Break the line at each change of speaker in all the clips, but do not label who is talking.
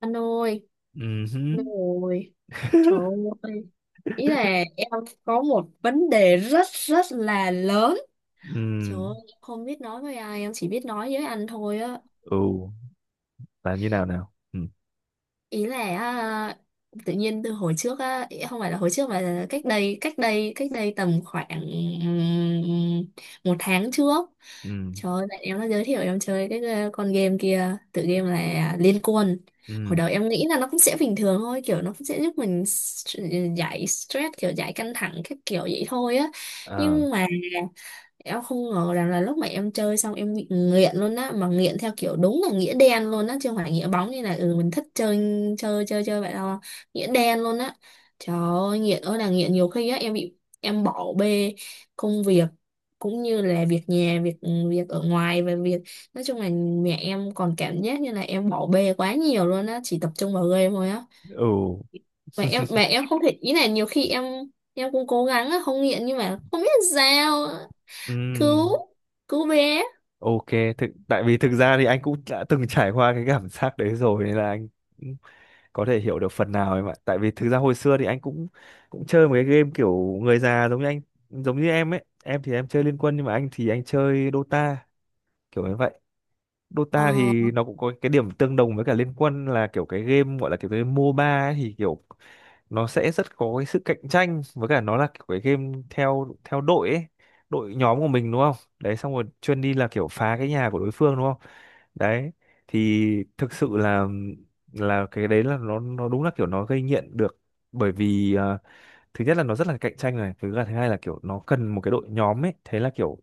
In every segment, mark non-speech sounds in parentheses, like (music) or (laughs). Anh ơi,
Ừ
anh ơi, trời
(laughs)
ơi, ý là em có một vấn đề rất rất là lớn.
ừ
Trời ơi, em không biết nói với ai, em chỉ biết nói với anh thôi á.
ừ là như nào nào ừ
Ý là tự nhiên từ hồi trước á, không phải là hồi trước mà là cách đây tầm khoảng ừm, một tháng trước.
ừ
Trời ơi, bạn em nó giới thiệu em chơi cái con game kia, tựa game là Liên Quân. Hồi
ừ
đầu em nghĩ là nó cũng sẽ bình thường thôi, kiểu nó cũng sẽ giúp mình giải stress, kiểu giải căng thẳng các kiểu vậy thôi á.
ờ
Nhưng mà em không ngờ rằng là lúc mà em chơi xong em bị nghiện luôn á, mà nghiện theo kiểu đúng là nghĩa đen luôn á chứ không phải nghĩa bóng, như là mình thích chơi chơi chơi chơi vậy đâu. Nghĩa đen luôn á. Trời ơi, nghiện ơi là nghiện. Nhiều khi á em bị, em bỏ bê công việc, cũng như là việc nhà, việc việc ở ngoài, và việc, nói chung là mẹ em còn cảm giác như là em bỏ bê quá nhiều luôn á, chỉ tập trung vào game thôi á.
ừ
Mà em mà em không thể, ý là nhiều khi em cũng cố gắng á không nghiện nhưng mà không biết sao.
ừ
Cứu, cứu bé.
OK, thực tại vì thực ra thì anh cũng đã từng trải qua cái cảm giác đấy rồi nên là anh cũng có thể hiểu được phần nào em ạ. Tại vì thực ra hồi xưa thì anh cũng cũng chơi một cái game kiểu người già, giống như anh giống như em ấy. Em thì em chơi Liên Quân, nhưng mà anh thì anh chơi Dota, kiểu như vậy.
Ờ,
Dota thì nó cũng có cái điểm tương đồng với cả Liên Quân, là kiểu cái game gọi là kiểu cái MOBA ấy, thì kiểu nó sẽ rất có cái sự cạnh tranh, với cả nó là kiểu cái game theo theo đội ấy, đội nhóm của mình đúng không? Đấy, xong rồi chuyên đi là kiểu phá cái nhà của đối phương đúng không? Đấy, thì thực sự là cái đấy là nó đúng là kiểu nó gây nghiện được. Bởi vì thứ nhất là nó rất là cạnh tranh này, thứ hai là kiểu nó cần một cái đội nhóm ấy. Thế là kiểu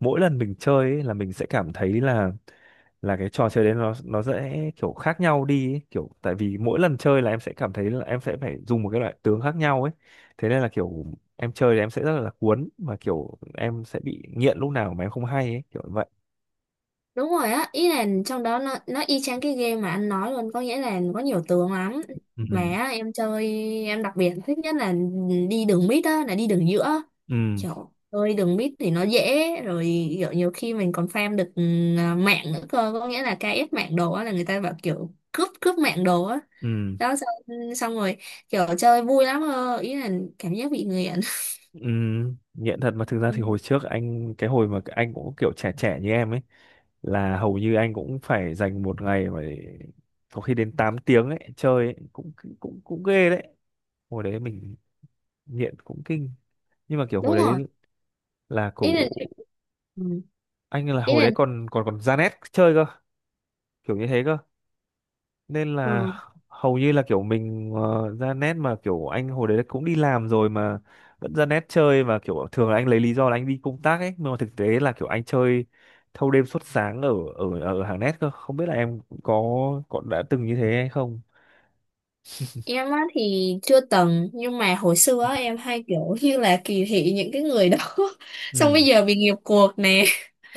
mỗi lần mình chơi ấy, là mình sẽ cảm thấy là cái trò chơi đấy nó sẽ kiểu khác nhau đi ấy. Kiểu tại vì mỗi lần chơi là em sẽ cảm thấy là em sẽ phải dùng một cái loại tướng khác nhau ấy. Thế nên là kiểu em chơi thì em sẽ rất là cuốn, và kiểu em sẽ bị nghiện lúc nào mà em không hay ấy, kiểu vậy.
đúng rồi á, ý là trong đó nó y chang cái game mà anh nói luôn, có nghĩa là có nhiều tướng lắm
ừ
mà á. Em chơi, em đặc biệt thích nhất là đi đường mid á, là đi đường giữa.
ừ
Kiểu chơi đường mid thì nó dễ rồi, kiểu nhiều khi mình còn farm được mạng nữa cơ, có nghĩa là KS mạng đồ á, là người ta bảo kiểu cướp cướp mạng đồ á.
ừ
Đó, xong, xong rồi, kiểu chơi vui lắm cơ. Ý là cảm giác bị nghiện.
ừ Nghiện thật. Mà thực ra thì
Ừ,
hồi trước anh, cái hồi mà anh cũng kiểu trẻ trẻ như em ấy, là hầu như anh cũng phải dành một ngày mà có khi đến 8 tiếng ấy chơi ấy. Cũng cũng cũng ghê đấy. Hồi đấy mình nghiện cũng kinh, nhưng mà kiểu
(laughs)
hồi
đúng
đấy
rồi,
là
ý là ừ,
anh, là
ý
hồi
là
đấy còn còn còn ra nét chơi cơ, kiểu như thế cơ. Nên là
ừ.
hầu như là kiểu mình ra nét, mà kiểu anh hồi đấy cũng đi làm rồi mà vẫn ra nét chơi. Và kiểu thường là anh lấy lý do là anh đi công tác ấy, nhưng mà thực tế là kiểu anh chơi thâu đêm suốt sáng ở ở ở hàng nét cơ. Không biết là em có đã từng như thế hay không.
Em á thì chưa từng, nhưng mà hồi xưa á, em hay kiểu như là kỳ thị những cái người đó. (laughs) Xong bây
ừ
giờ bị nghiệp cuộc nè.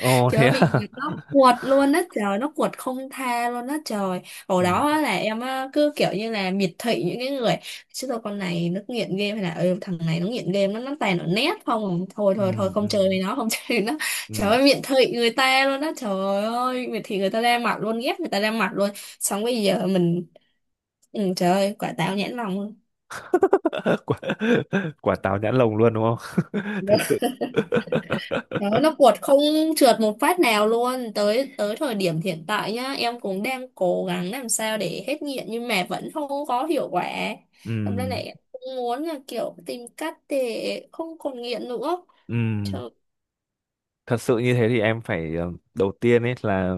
(laughs) Trời
thế
ơi, bị nghiệp
à?
nó quật luôn á, trời, nó quật không tha luôn á trời.
(laughs)
Hồi
ừ
đó á, là em á cứ kiểu như là miệt thị những cái người, chứ thôi con này nó nghiện game, hay là thằng này nó nghiện game, nó toàn ở net không à? Thôi
ừ
thôi thôi,
ừ
không chơi với nó, không (laughs) chơi với nó.
ừ
Trời ơi, miệt thị người ta luôn á, trời ơi, miệt thị người ta ra mặt luôn, ghét người ta ra mặt luôn. Xong bây giờ mình, trời ơi, quả táo nhãn lòng luôn.
(laughs) quả Quả táo nhãn lồng luôn đúng không? (laughs) Thực sự. (laughs)
Đó, nó cuột không trượt một phát nào luôn, tới tới thời điểm hiện tại nhá, em cũng đang cố gắng làm sao để hết nghiện nhưng mà vẫn không có hiệu quả. Hôm nay
Ừm,
lại cũng muốn là kiểu tìm cách để không còn nghiện nữa.
ừm.
Chờ,
Thật sự như thế thì em phải, đầu tiên ấy là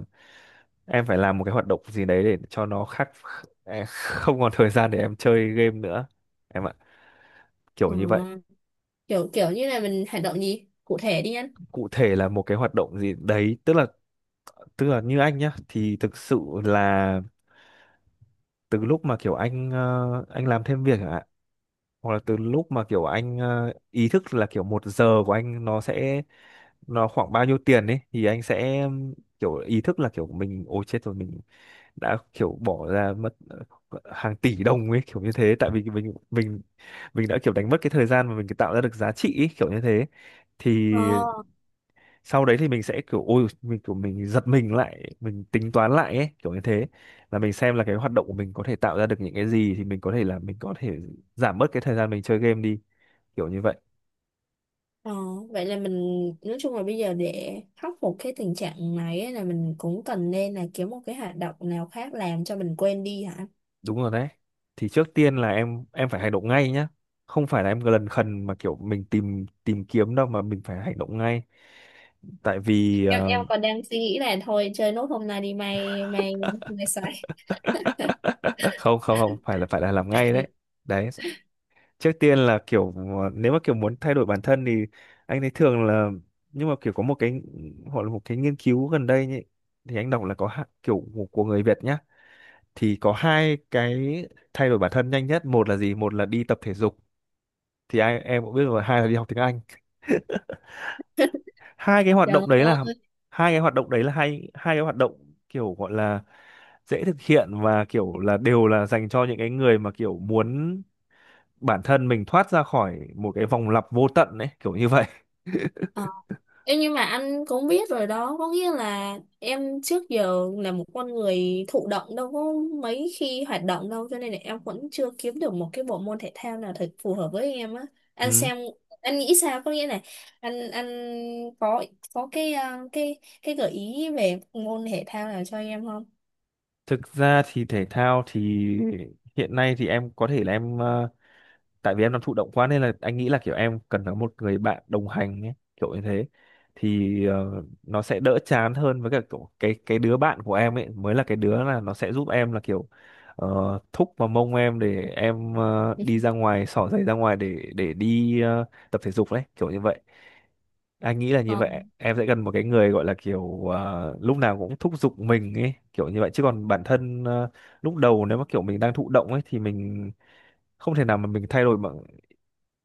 em phải làm một cái hoạt động gì đấy để cho nó khác. (laughs) Em không còn thời gian để em chơi game nữa em ạ, kiểu như vậy.
ừ, kiểu kiểu như là mình hành động gì cụ thể đi anh.
Cụ thể là một cái hoạt động gì đấy, tức là như anh nhá, thì thực sự là từ lúc mà kiểu anh anh làm thêm việc, hoặc là từ lúc mà kiểu anh ý thức là kiểu 1 giờ của anh nó sẽ khoảng bao nhiêu tiền ấy, thì anh sẽ kiểu ý thức là kiểu mình ôi chết rồi, mình đã kiểu bỏ ra mất hàng tỷ đồng ấy, kiểu như thế. Tại vì mình đã kiểu đánh mất cái thời gian mà mình tạo ra được giá trị ấy, kiểu như thế. Thì
Ờ,
sau đấy thì mình sẽ kiểu ôi mình kiểu mình giật mình lại, mình tính toán lại ấy, kiểu như thế. Là mình xem là cái hoạt động của mình có thể tạo ra được những cái gì, thì mình có thể là mình có thể giảm bớt cái thời gian mình chơi game đi, kiểu như vậy.
ờ, vậy là mình, nói chung là bây giờ để khắc phục cái tình trạng này ấy, là mình cũng cần nên là kiếm một cái hoạt động nào khác làm cho mình quên đi hả?
Đúng rồi đấy. Thì trước tiên là em phải hành động ngay nhá, không phải là em lần khần mà kiểu mình tìm tìm kiếm đâu, mà mình phải hành động ngay. Tại vì
em em còn đang suy nghĩ là thôi chơi nốt hôm nay đi, mày mày mày xài.
(laughs) không không không phải, là phải là làm ngay đấy. Đấy, trước tiên là kiểu nếu mà kiểu muốn thay đổi bản thân thì anh thấy thường là, nhưng mà kiểu có một cái gọi là một cái nghiên cứu gần đây nhỉ, thì anh đọc là có kiểu của người Việt nhá, thì có hai cái thay đổi bản thân nhanh nhất. Một là gì? Một là đi tập thể dục, thì ai em cũng biết rồi. Hai là đi học tiếng Anh. hai cái hoạt
Trời
động đấy là
ơi.
Hai cái hoạt động đấy là hai hai cái hoạt động kiểu gọi là dễ thực hiện, và kiểu là đều là dành cho những cái người mà kiểu muốn bản thân mình thoát ra khỏi một cái vòng lặp vô tận ấy, kiểu như vậy. (laughs)
ờ. Em, nhưng mà anh cũng biết rồi đó, có nghĩa là em trước giờ là một con người thụ động, đâu có mấy khi hoạt động đâu, cho nên là em vẫn chưa kiếm được một cái bộ môn thể thao nào thật phù hợp với em á. Anh
Ừ.
xem, anh nghĩ sao, có nghĩa là anh có có cái cái gợi ý về môn thể thao nào cho em không?
Thực ra thì thể thao thì hiện nay thì em có thể là em, tại vì em đang thụ động quá nên là anh nghĩ là kiểu em cần có một người bạn đồng hành ấy, kiểu như thế. Thì nó sẽ đỡ chán hơn, với cả kiểu cái đứa bạn của em ấy mới là cái đứa là nó sẽ giúp em, là kiểu thúc vào mông em để em đi ra ngoài xỏ giày ra ngoài để đi tập thể dục đấy, kiểu như vậy. Anh nghĩ là như
ờ
vậy em sẽ cần một cái người gọi là kiểu lúc nào cũng thúc giục mình ấy, kiểu như vậy. Chứ còn bản thân, lúc đầu nếu mà kiểu mình đang thụ động ấy, thì mình không thể nào mà mình thay đổi mà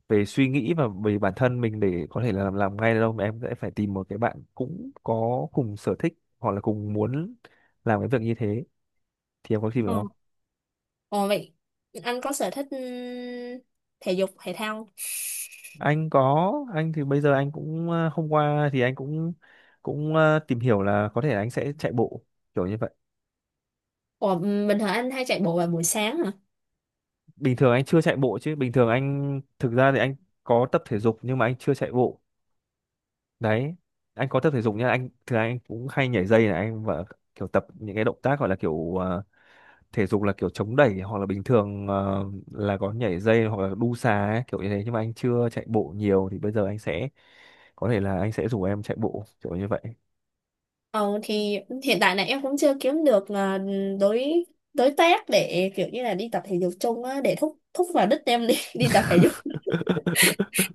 về suy nghĩ và về bản thân mình để có thể là làm ngay được đâu. Mà em sẽ phải tìm một cái bạn cũng có cùng sở thích hoặc là cùng muốn làm cái việc như thế. Thì em có tìm được
ờ
không?
Ồ, vậy anh có sở thích thể dục thể thao không?
Anh có. Anh thì bây giờ anh cũng, hôm qua thì anh cũng cũng ờ, tìm hiểu là có thể là anh sẽ chạy bộ, kiểu như vậy.
Ồ, bình thường anh hay chạy bộ vào buổi sáng hả?
Bình thường anh chưa chạy bộ, chứ bình thường anh thực ra thì anh có tập thể dục, nhưng mà anh chưa chạy bộ. Đấy, anh có tập thể dục nhá, anh thường anh cũng hay nhảy dây này anh, và kiểu tập những cái động tác gọi là kiểu thể dục là kiểu chống đẩy, hoặc là bình thường là có nhảy dây, hoặc là đu xà ấy, kiểu như thế. Nhưng mà anh chưa chạy bộ nhiều, thì bây giờ anh sẽ có thể là anh sẽ rủ em chạy bộ, kiểu như vậy.
Ồ, thì hiện tại là em cũng chưa kiếm được đối đối tác để kiểu như là đi tập thể dục chung á, để thúc thúc vào đích em đi (laughs) đi tập thể dục.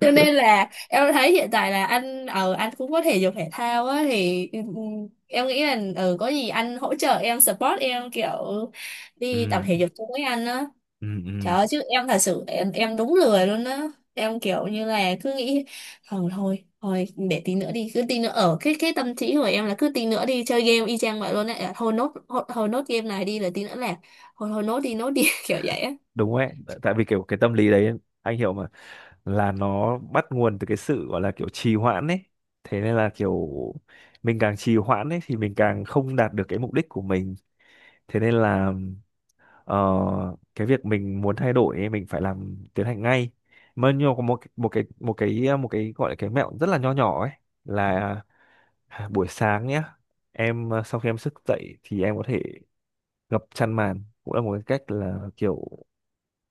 Cho nên là em thấy hiện tại là anh, ở anh cũng có thể dục thể thao á, thì em nghĩ là có gì anh hỗ trợ em, support em, kiểu
ừ,
đi tập thể dục chung với anh á. Trời
ừ.
ơi, chứ em thật sự, em đúng lười luôn á. Em kiểu như là cứ nghĩ thôi thôi thôi để tí nữa đi, cứ tí nữa, ở cái tâm trí của em là cứ tí nữa đi chơi game y chang vậy luôn á. À, thôi nốt thôi, thôi nốt game này đi rồi tí nữa là thôi thôi nốt đi nốt đi, (laughs) kiểu vậy á.
Đúng ấy. Tại tại vì kiểu cái tâm lý đấy anh hiểu mà, là nó bắt nguồn từ cái sự gọi là kiểu trì hoãn ấy. Thế nên là kiểu mình càng trì hoãn ấy, thì mình càng không đạt được cái mục đích của mình. Thế nên là ờ, cái việc mình muốn thay đổi ấy, mình phải làm tiến hành ngay. Mà nhưng có một một cái một cái một cái gọi là cái mẹo rất là nho nhỏ ấy, là (sighs) buổi sáng nhé, em sau khi em thức dậy thì em có thể gập chăn màn, cũng là một cái cách, là kiểu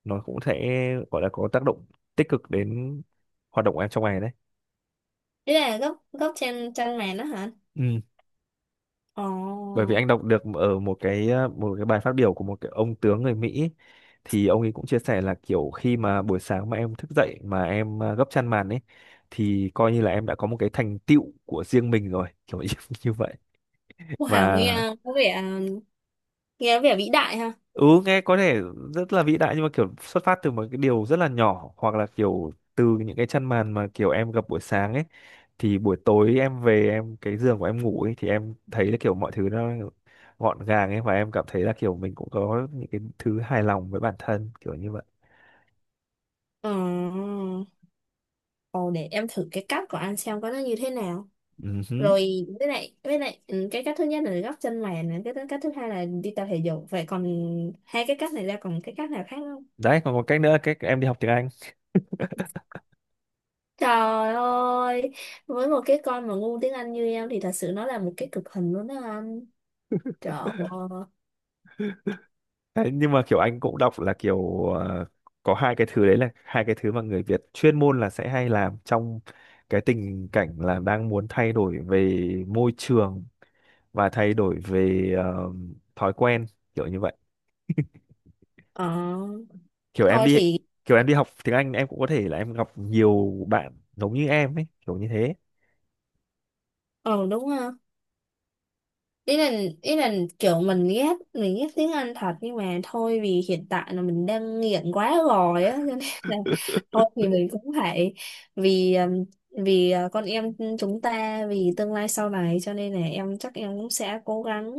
nó cũng sẽ gọi là có tác động tích cực đến hoạt động của em trong ngày đấy.
Thế là góc góc trên chân màn đó hả?
Ừ. Bởi
Ồ.
vì anh đọc được ở một cái một cái bài phát biểu của một cái ông tướng người Mỹ, thì ông ấy cũng chia sẻ là kiểu khi mà buổi sáng mà em thức dậy mà em gấp chăn màn ấy, thì coi như là em đã có một cái thành tựu của riêng mình rồi, kiểu như, (laughs) như vậy.
Wow,
Và
nghe có vẻ vĩ đại ha.
ừ, nghe có thể rất là vĩ đại, nhưng mà kiểu xuất phát từ một cái điều rất là nhỏ, hoặc là kiểu từ những cái chăn màn mà kiểu em gặp buổi sáng ấy, thì buổi tối em về em cái giường của em ngủ ấy, thì em thấy là kiểu mọi thứ nó gọn gàng ấy, và em cảm thấy là kiểu mình cũng có những cái thứ hài lòng với bản thân, kiểu như vậy.
Ờ. Ồ, để em thử cái cắt của anh xem có nó như thế nào.
Ừ hứ.
Rồi, với lại cái cách thứ nhất là gấp chân mày này, cái cách thứ hai là đi tập thể dục, vậy còn, hai cái cách này ra, còn cái cách nào khác không?
Đấy, còn một cách nữa, là cách em đi học tiếng Anh.
Trời ơi, với một cái con mà ngu tiếng Anh như em thì thật sự nó là một cái cực hình luôn đó anh. Trời ơi.
Đấy, nhưng mà kiểu anh cũng đọc là kiểu có hai cái thứ đấy là hai cái thứ mà người Việt chuyên môn là sẽ hay làm trong cái tình cảnh là đang muốn thay đổi về môi trường, và thay đổi về thói quen, kiểu như vậy.
ờ
Kiểu em
thôi
đi
thì,
Kiểu em đi học tiếng Anh, em cũng có thể là em gặp nhiều bạn giống như em ấy, kiểu như thế.
ờ đúng, ý là ý là kiểu mình ghét tiếng Anh thật, nhưng mà thôi vì hiện tại là mình đang nghiện quá rồi á, cho nên là thôi thì mình cũng phải, vì vì con em, chúng ta, vì tương lai sau này, cho nên là em chắc em cũng sẽ cố gắng,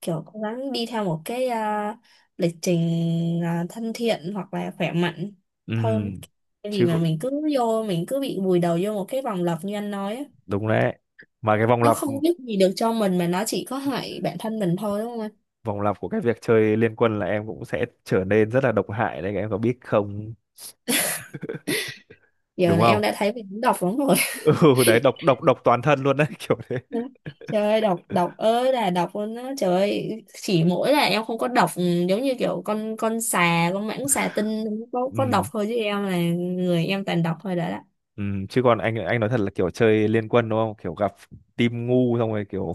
kiểu cố gắng đi theo một cái lịch trình thân thiện hoặc là khỏe mạnh hơn.
Ừm,
Tại vì
chứ
mà
cũng-
mình cứ bị vùi đầu vô một cái vòng lặp như anh nói á,
đúng đấy. Mà cái vòng
nó
lặp
không biết gì được cho mình mà nó chỉ có hại bản thân mình thôi đúng không anh?
Vòng lặp của cái việc chơi liên quân là em cũng sẽ trở nên rất là độc hại đấy, em có biết không?
Giờ
Đúng
là em
không?
đã thấy mình đọc lắm rồi.
(laughs) Ừ đấy, độc độc độc toàn thân luôn đấy, (laughs)
(laughs)
kiểu thế.
Đó. Trời ơi, đọc đọc ơi là đọc luôn á, trời ơi, chỉ mỗi là em không có đọc, giống như kiểu con xà, con mãng xà tinh không có đọc
ừ,
thôi, chứ em là người em toàn đọc thôi đã đó.
ừ. Chứ còn anh nói thật là kiểu chơi liên quân đúng không, kiểu gặp team ngu, xong rồi kiểu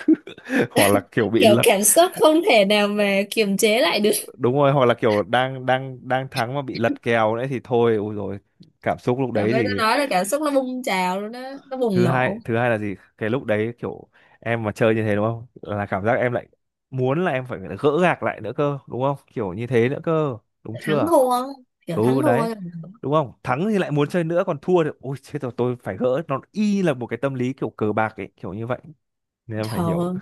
(laughs) hoặc là kiểu bị
Kiểu
lật.
cảm xúc không thể nào mà kiềm chế lại được.
Đúng rồi. Hoặc là kiểu đang đang đang thắng mà bị lật kèo đấy, thì thôi ôi rồi, cảm xúc lúc
Trời
đấy
ơi nó,
thì,
nói là cảm xúc nó bùng trào luôn đó, nó bùng nổ.
thứ hai là gì, cái lúc đấy kiểu em mà chơi như thế đúng không, là cảm giác em lại muốn là em phải gỡ gạc lại nữa cơ, đúng không, kiểu như thế nữa cơ, đúng
Thắng
chưa?
thua, kiểu
Ừ
thắng
đấy,
thua.
đúng không, thắng thì lại muốn chơi nữa, còn thua thì ôi chết rồi tôi phải gỡ, nó y như là một cái tâm lý kiểu cờ bạc ấy, kiểu như vậy. Nên em phải hiểu.
Trời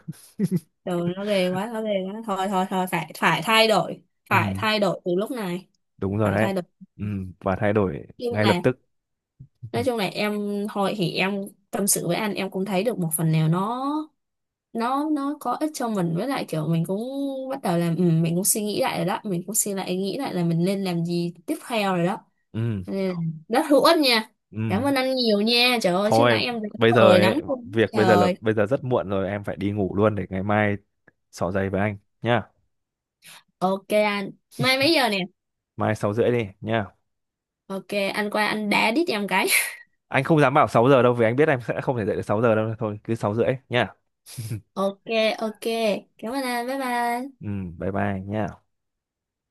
rồi, nó ghê quá, nó ghê quá, thôi thôi thôi, phải phải thay đổi, phải
ừ
thay đổi từ lúc này,
Đúng rồi
phải
đấy.
thay đổi.
ừ và thay đổi
Nhưng
ngay lập
là,
tức. (laughs) ừ
nói chung là em hồi thì em tâm sự với anh em cũng thấy được một phần nào, nó có ích cho mình, với lại kiểu mình cũng bắt đầu là, mình cũng suy nghĩ lại rồi đó, mình cũng suy lại nghĩ lại là mình nên làm gì tiếp theo rồi đó,
ừ
nên là rất hữu ích nha. Cảm
ừ.
ơn anh nhiều nha, trời ơi, chứ
Thôi
nãy em
bây giờ
cười
ấy,
lắm luôn á.
việc bây giờ là
Trời.
bây giờ rất muộn rồi, em phải đi ngủ luôn để ngày mai xỏ giày với anh nhá.
Ok anh, mai mấy giờ nè?
Mai 6 rưỡi đi nhá.
Ok, anh qua anh đá đít em cái.
Anh không dám bảo 6 giờ đâu, vì anh biết em sẽ không thể dậy được 6 giờ đâu, thôi cứ 6 rưỡi nhá.
Ok. Ok, cảm ơn anh, bye bye.
Ừ, bye bye nhá.